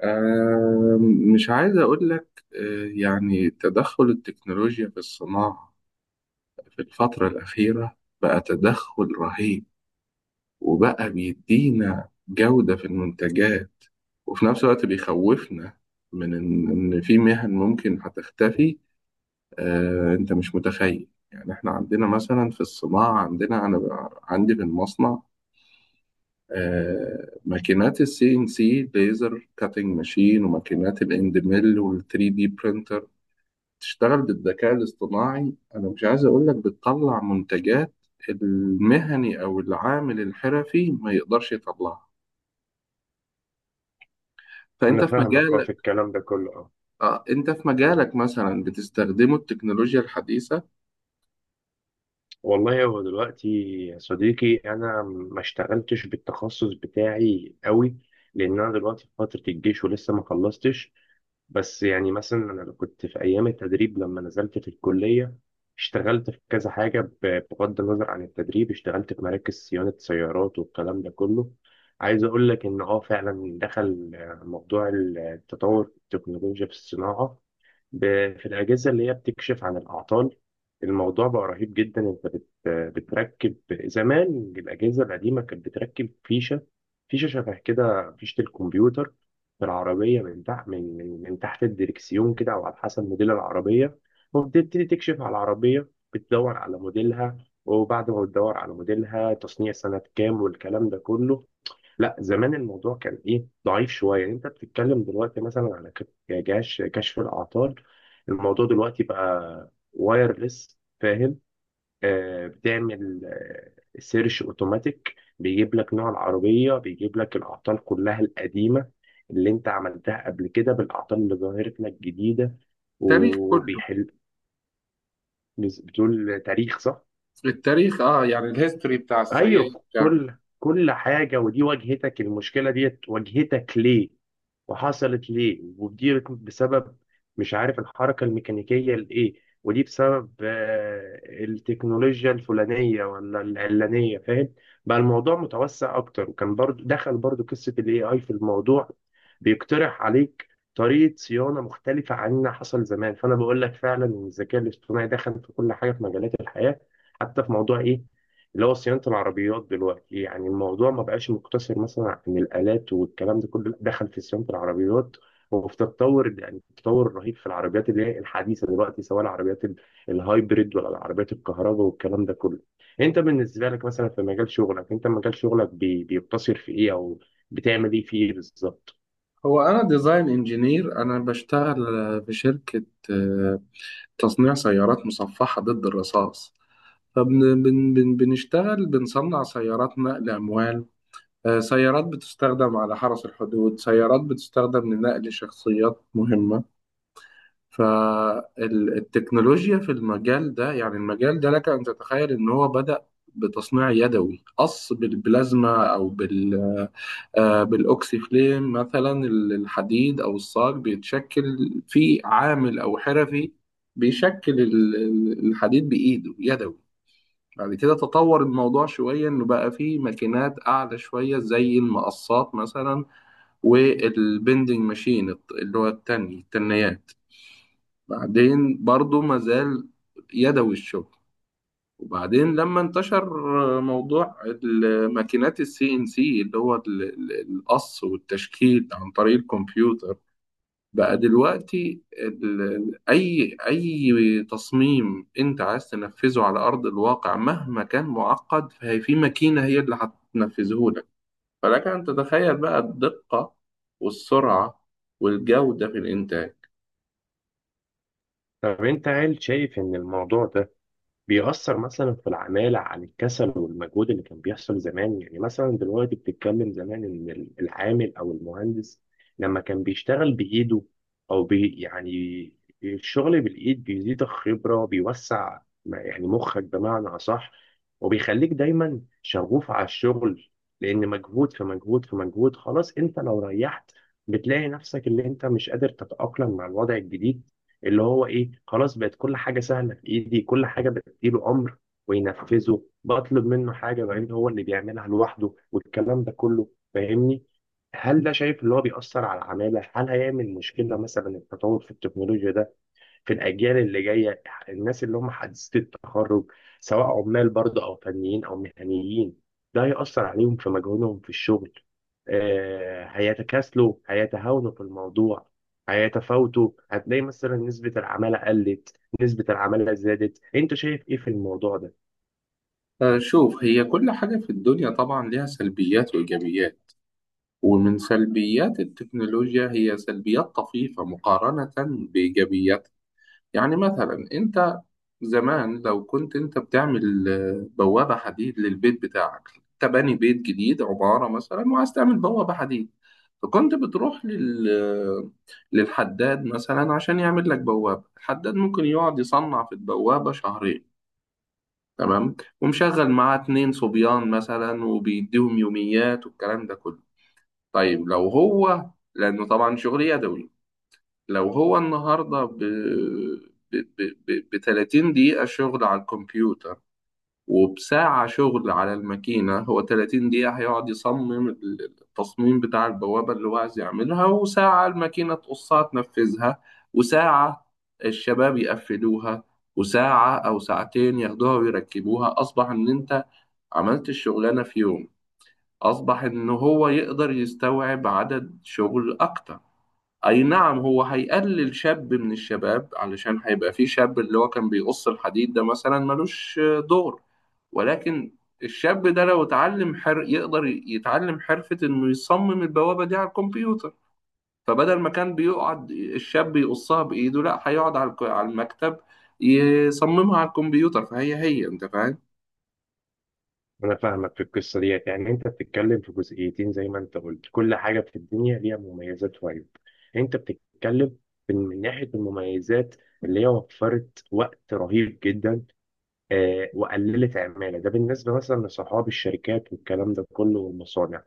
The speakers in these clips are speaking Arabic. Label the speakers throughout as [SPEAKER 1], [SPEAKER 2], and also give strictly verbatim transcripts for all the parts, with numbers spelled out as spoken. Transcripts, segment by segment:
[SPEAKER 1] آه، مش عايز أقول لك آه، يعني تدخل التكنولوجيا في الصناعة في الفترة الأخيرة بقى تدخل رهيب، وبقى بيدينا جودة في المنتجات، وفي نفس الوقت بيخوفنا من إن إن في مهن ممكن هتختفي. آه، أنت مش متخيل، يعني إحنا عندنا مثلا في الصناعة عندنا، أنا بقى- عندي في المصنع آه، ماكينات السي إن سي، ليزر كاتنج ماشين، وماكينات الاند ميل، وال3 دي تشتغل بالذكاء الاصطناعي. انا مش عايز اقول لك بتطلع منتجات المهني او العامل الحرفي ما يقدرش يطلعها.
[SPEAKER 2] انا
[SPEAKER 1] فانت في
[SPEAKER 2] فاهمك اه في
[SPEAKER 1] مجالك،
[SPEAKER 2] الكلام ده كله اه.
[SPEAKER 1] آه، انت في مجالك مثلا بتستخدمه التكنولوجيا الحديثه؟
[SPEAKER 2] والله هو دلوقتي يا صديقي، انا ما اشتغلتش بالتخصص بتاعي قوي لان انا دلوقتي في فتره الجيش ولسه ما خلصتش. بس يعني مثلا انا لو كنت في ايام التدريب لما نزلت في الكليه اشتغلت في كذا حاجه، ب- بغض النظر عن التدريب اشتغلت في مراكز صيانه سيارات والكلام ده كله. عايز اقول لك ان اه فعلا دخل آه، موضوع التطور التكنولوجيا في الصناعه، ب- في الأجهزة اللي هي بتكشف عن الأعطال. الموضوع بقى رهيب جدا، أنت بت- بتركب. زمان الأجهزة القديمة كانت بتركب فيشة، فيشة شبه كده فيشة الكمبيوتر في العربية من تحت، من من من تحت الدركسيون كده أو على حسب موديل العربية، وبتبتدي تكشف على العربية، بتدور على موديلها. وبعد ما بتدور على موديلها تصنيع سنة كام والكلام ده كله. لا زمان الموضوع كان ايه، ضعيف شويه. يعني انت بتتكلم دلوقتي مثلا على ك- يعني جهاز كشف الاعطال. الموضوع دلوقتي بقى وايرلس، فاهم؟ آه، بتعمل آه سيرش اوتوماتيك، بيجيب لك نوع العربيه، بيجيب لك الاعطال كلها القديمه اللي انت عملتها قبل كده بالاعطال اللي ظهرت لك جديده،
[SPEAKER 1] التاريخ كله،
[SPEAKER 2] وبيحل. بز- بتقول تاريخ، صح؟
[SPEAKER 1] التاريخ اه يعني الهيستوري بتاع السيارة
[SPEAKER 2] ايوه،
[SPEAKER 1] بتاع.
[SPEAKER 2] كل كل حاجه. ودي واجهتك المشكله ديت، واجهتك ليه وحصلت ليه، ودي بسبب مش عارف الحركة الميكانيكية لإيه، ودي بسبب آه، التكنولوجيا الفلانية ولا العلانية، فاهم؟ بقى الموضوع متوسع أكتر، وكان برضو دخل برضو قصة ال A I في الموضوع، بيقترح عليك طريقة صيانة مختلفة عن اللي حصل زمان. فأنا بقول لك فعلا إن الذكاء الاصطناعي دخل في كل حاجة في مجالات الحياة، حتى في موضوع إيه، اللي هو صيانة العربيات دلوقتي. يعني الموضوع ما بقاش مقتصر مثلا عن الآلات والكلام ده كله، لأ، دخل في صيانة العربيات. وفي تطور، يعني تطور رهيب في العربيات اللي هي الحديثة دلوقتي، سواء العربيات ال- الهايبريد ولا العربيات الكهرباء والكلام ده كله. انت بالنسبة لك مثلا في مجال شغلك، انت مجال شغلك بي- بيقتصر في ايه، او بتعمل ايه فيه بالظبط؟
[SPEAKER 1] هو انا ديزاين انجينير، انا بشتغل آه، في شركة، آه، تصنيع سيارات مصفحة ضد الرصاص. فبنشتغل بنصنع سيارات نقل اموال، آه، سيارات بتستخدم على حرس الحدود، سيارات بتستخدم لنقل شخصيات مهمة. فالتكنولوجيا في المجال ده، يعني المجال ده لك أن تتخيل إن هو بدأ بتصنيع يدوي، قص بالبلازما أو بال آه، بالأوكسيفليم مثلا. الحديد أو الصاج بيتشكل في عامل أو حرفي، بيشكل ال- الحديد بإيده يدوي. بعد كده تطور الموضوع شوية، إنه بقى فيه ماكينات أعلى شوية زي المقصات مثلا، والبندنج ماشين الت- اللي هو التني التنيات. بعدين برضو ما زال يدوي الشغل. وبعدين لما انتشر موضوع الماكينات السي ان سي، اللي هو ال- ال- القص والتشكيل عن طريق الكمبيوتر، بقى دلوقتي ال- ال- أي أي تصميم أنت عايز تنفذه على أرض الواقع، مهما كان معقد، فهي في ماكينة هي اللي هتنفذه لك. فلك أن تتخيل بقى الدقة والسرعة والجودة في الإنتاج.
[SPEAKER 2] طب انت هل شايف ان الموضوع ده بيأثر مثلا في العمالة عن الكسل والمجهود اللي كان بيحصل زمان؟ يعني مثلا دلوقتي بتتكلم زمان إن ال- العامل أو المهندس لما كان بيشتغل بإيده أو بي يعني الشغل بالإيد بيزيد الخبرة، بيوسع م- يعني مخك بمعنى أصح، وبيخليك دايما شغوف على الشغل. لأن مجهود في مجهود في مجهود، خلاص أنت لو ريحت بتلاقي نفسك اللي أنت مش قادر تتأقلم مع الوضع الجديد اللي هو ايه، خلاص بقت كل حاجه سهله في ايدي، كل حاجه يديله امر وينفذه، بطلب منه حاجه بعدين هو اللي بيعملها لوحده والكلام ده كله، فاهمني؟ هل ده شايف اللي هو بيأثر على العمالة؟ هل هيعمل مشكلة مثلا التطور في التكنولوجيا ده في الأجيال اللي جاية، الناس اللي هم حديثي التخرج، سواء عمال برضه أو فنيين أو مهنيين، ده هيأثر عليهم في مجهودهم في الشغل؟ آه، هيتكاسلوا، هيتهاونوا في الموضوع، هيتفاوتوا؟ هتلاقي مثلا نسبة العمالة قلت، نسبة العمالة زادت؟ أنت شايف إيه في الموضوع ده؟
[SPEAKER 1] شوف، هي كل حاجة في الدنيا طبعا ليها سلبيات وإيجابيات، ومن سلبيات التكنولوجيا هي سلبيات طفيفة مقارنة بإيجابياتها. يعني مثلا أنت زمان لو كنت انت بتعمل آه، بوابة حديد للبيت بتاعك، انت باني بيت جديد عمارة مثلا وعايز تعمل بوابة حديد، فكنت بتروح لل آه، للحداد مثلا عشان يعمل لك بوابة. الحداد ممكن يقعد يصنع في البوابة شهرين، تمام، ومشغل معاه اتنين صبيان مثلا وبيديهم يوميات والكلام ده كله. طيب لو هو، لأنه طبعا شغل يدوي، لو هو النهاردة ب ب تلاتين دقيقة شغل على الكمبيوتر وبساعة شغل على الماكينة، هو تلاتين دقيقة هيقعد يصمم التصميم بتاع البوابة اللي هو عايز يعملها، وساعة الماكينة تقصها تنفذها، وساعة الشباب يقفلوها، وساعة أو ساعتين ياخدوها ويركبوها، أصبح إن أنت عملت الشغلانة في يوم. أصبح إن هو يقدر يستوعب عدد شغل أكتر. أي نعم، هو هيقلل شاب من الشباب، علشان هيبقى في شاب اللي هو كان بيقص الحديد ده مثلا ملوش دور، ولكن الشاب ده لو اتعلم حر يقدر يتعلم حرفة انه يصمم البوابة دي على الكمبيوتر. فبدل ما كان بيقعد الشاب يقصها بإيده، لا، هيقعد على الك- على المكتب يصممها على الكمبيوتر. فهي هي، انت فاهم.
[SPEAKER 2] أنا فاهمك في القصة ديت. يعني أنت بتتكلم في جزئيتين، زي ما أنت قلت كل حاجة في الدنيا ليها مميزات وعيوب. أنت بتتكلم في- من ناحية المميزات، اللي هي وفرت وقت رهيب جدا، آه وقللت عمالة، ده بالنسبة مثلا لصحاب الشركات والكلام ده كله والمصانع.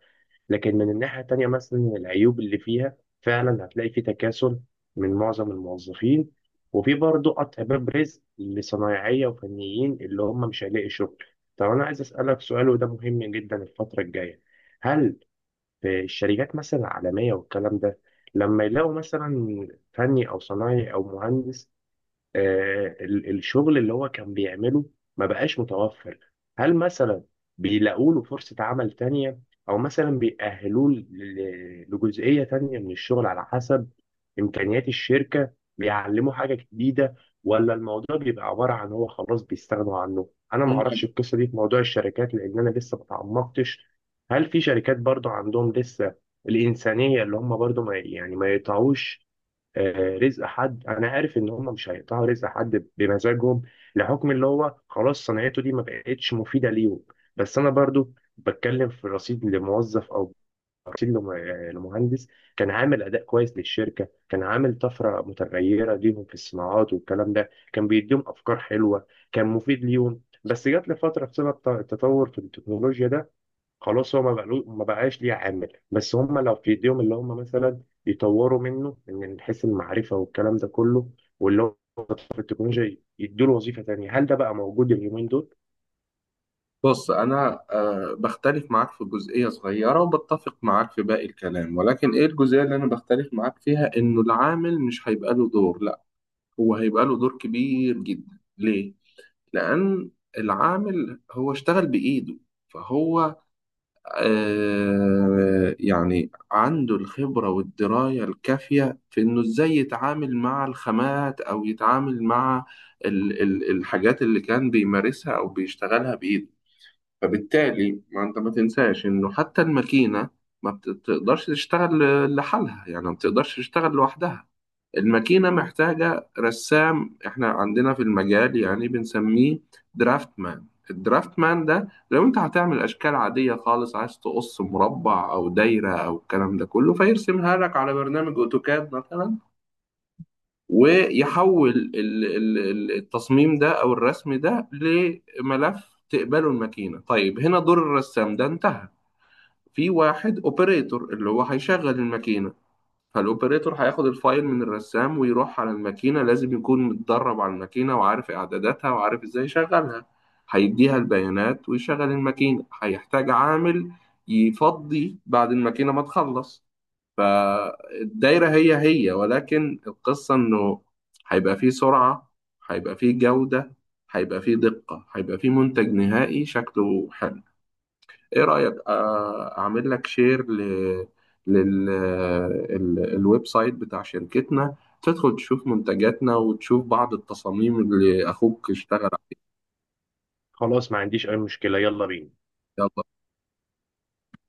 [SPEAKER 2] لكن من الناحية التانية مثلا العيوب اللي فيها، فعلا هتلاقي في تكاسل من معظم الموظفين، وفي برضه قطع باب رزق لصنايعية وفنيين اللي هم مش هيلاقي شغل. طب أنا عايز أسألك سؤال وده مهم جدا الفترة الجاية. هل في الشركات مثلا العالمية والكلام ده، لما يلاقوا مثلا فني أو صنايعي أو مهندس، آه، ال- الشغل اللي هو كان بيعمله ما بقاش متوفر، هل مثلا بيلاقوا له فرصة عمل تانية، او مثلا بيأهلوه ل- لجزئية تانية من الشغل على حسب امكانيات الشركة، بيعلموا حاجة جديدة؟ ولا الموضوع بيبقى عبارة عن هو خلاص بيستغنوا عنه؟ انا ما اعرفش
[SPEAKER 1] مم.
[SPEAKER 2] القصة دي في موضوع الشركات لان انا لسه ما تعمقتش. هل في شركات برضو عندهم لسه الإنسانية اللي هم برضو ما يعني ما يقطعوش آه، رزق حد؟ انا عارف ان هم مش هيقطعوا رزق حد بمزاجهم، لحكم اللي هو خلاص صناعته دي ما بقتش مفيده ليهم. بس انا برضو بتكلم في رصيد لموظف او رصيد لم- آه، لمهندس كان عامل اداء كويس للشركه، كان عامل طفره متغيره ليهم في الصناعات والكلام ده، كان بيديهم افكار حلوه، كان مفيد ليهم، بس جات لفتره بسبب الت- التطور في التكنولوجيا ده، خلاص هو ما بقلو- ما بقاش ليه عامل. بس هم لو في ايديهم اللي هم مثلا يطوروا منه من حيث المعرفه والكلام ده كله، واللي هو في التكنولوجيا يدوا له وظيفه تانيه، هل ده بقى موجود اليومين دول؟
[SPEAKER 1] بص، أنا آه، بختلف معاك في جزئية صغيرة وبتفق معاك في باقي الكلام، ولكن إيه الجزئية اللي أنا بختلف معاك فيها؟ إنه العامل مش هيبقى له دور، لا، هو هيبقى له دور كبير جدا. ليه؟ لأن العامل هو اشتغل بإيده، فهو آه يعني عنده الخبرة والدراية الكافية في إنه إزاي يتعامل مع الخامات أو يتعامل مع ال ال الحاجات اللي كان بيمارسها أو بيشتغلها بإيده. فبالتالي ما أنت ما تنساش إنه حتى الماكينة ما بتقدرش تشتغل لحالها، يعني ما بتقدرش تشتغل لوحدها. الماكينة محتاجة رسام، احنا عندنا في المجال يعني بنسميه درافت مان. الدرافت مان ده لو انت هتعمل اشكال عادية خالص، عايز تقص مربع او دايرة او الكلام ده كله، فيرسمها لك على برنامج اوتوكاد مثلا، ويحول ال- ال- ال- التصميم ده او الرسم ده لملف تقبله الماكينة. طيب، هنا دور الرسام ده انتهى. في واحد اوبريتور اللي هو هيشغل الماكينة، فالاوبريتور هياخد الفايل من الرسام ويروح على الماكينة، لازم يكون متدرب على الماكينة وعارف اعداداتها وعارف ازاي يشغلها، هيديها البيانات ويشغل الماكينة. هيحتاج عامل يفضي بعد الماكينة ما تخلص. فالدايرة هي هي، ولكن القصة انه هيبقى فيه سرعة، هيبقى فيه جودة، هيبقى فيه دقة، هيبقى فيه منتج نهائي شكله حلو. ايه رأيك آه، اعمل لك شير ل للويب سايت بتاع شركتنا، تدخل تشوف منتجاتنا وتشوف بعض التصاميم اللي اخوك اشتغل
[SPEAKER 2] خلاص ما عنديش اي مشكله، يلا بينا.
[SPEAKER 1] عليها؟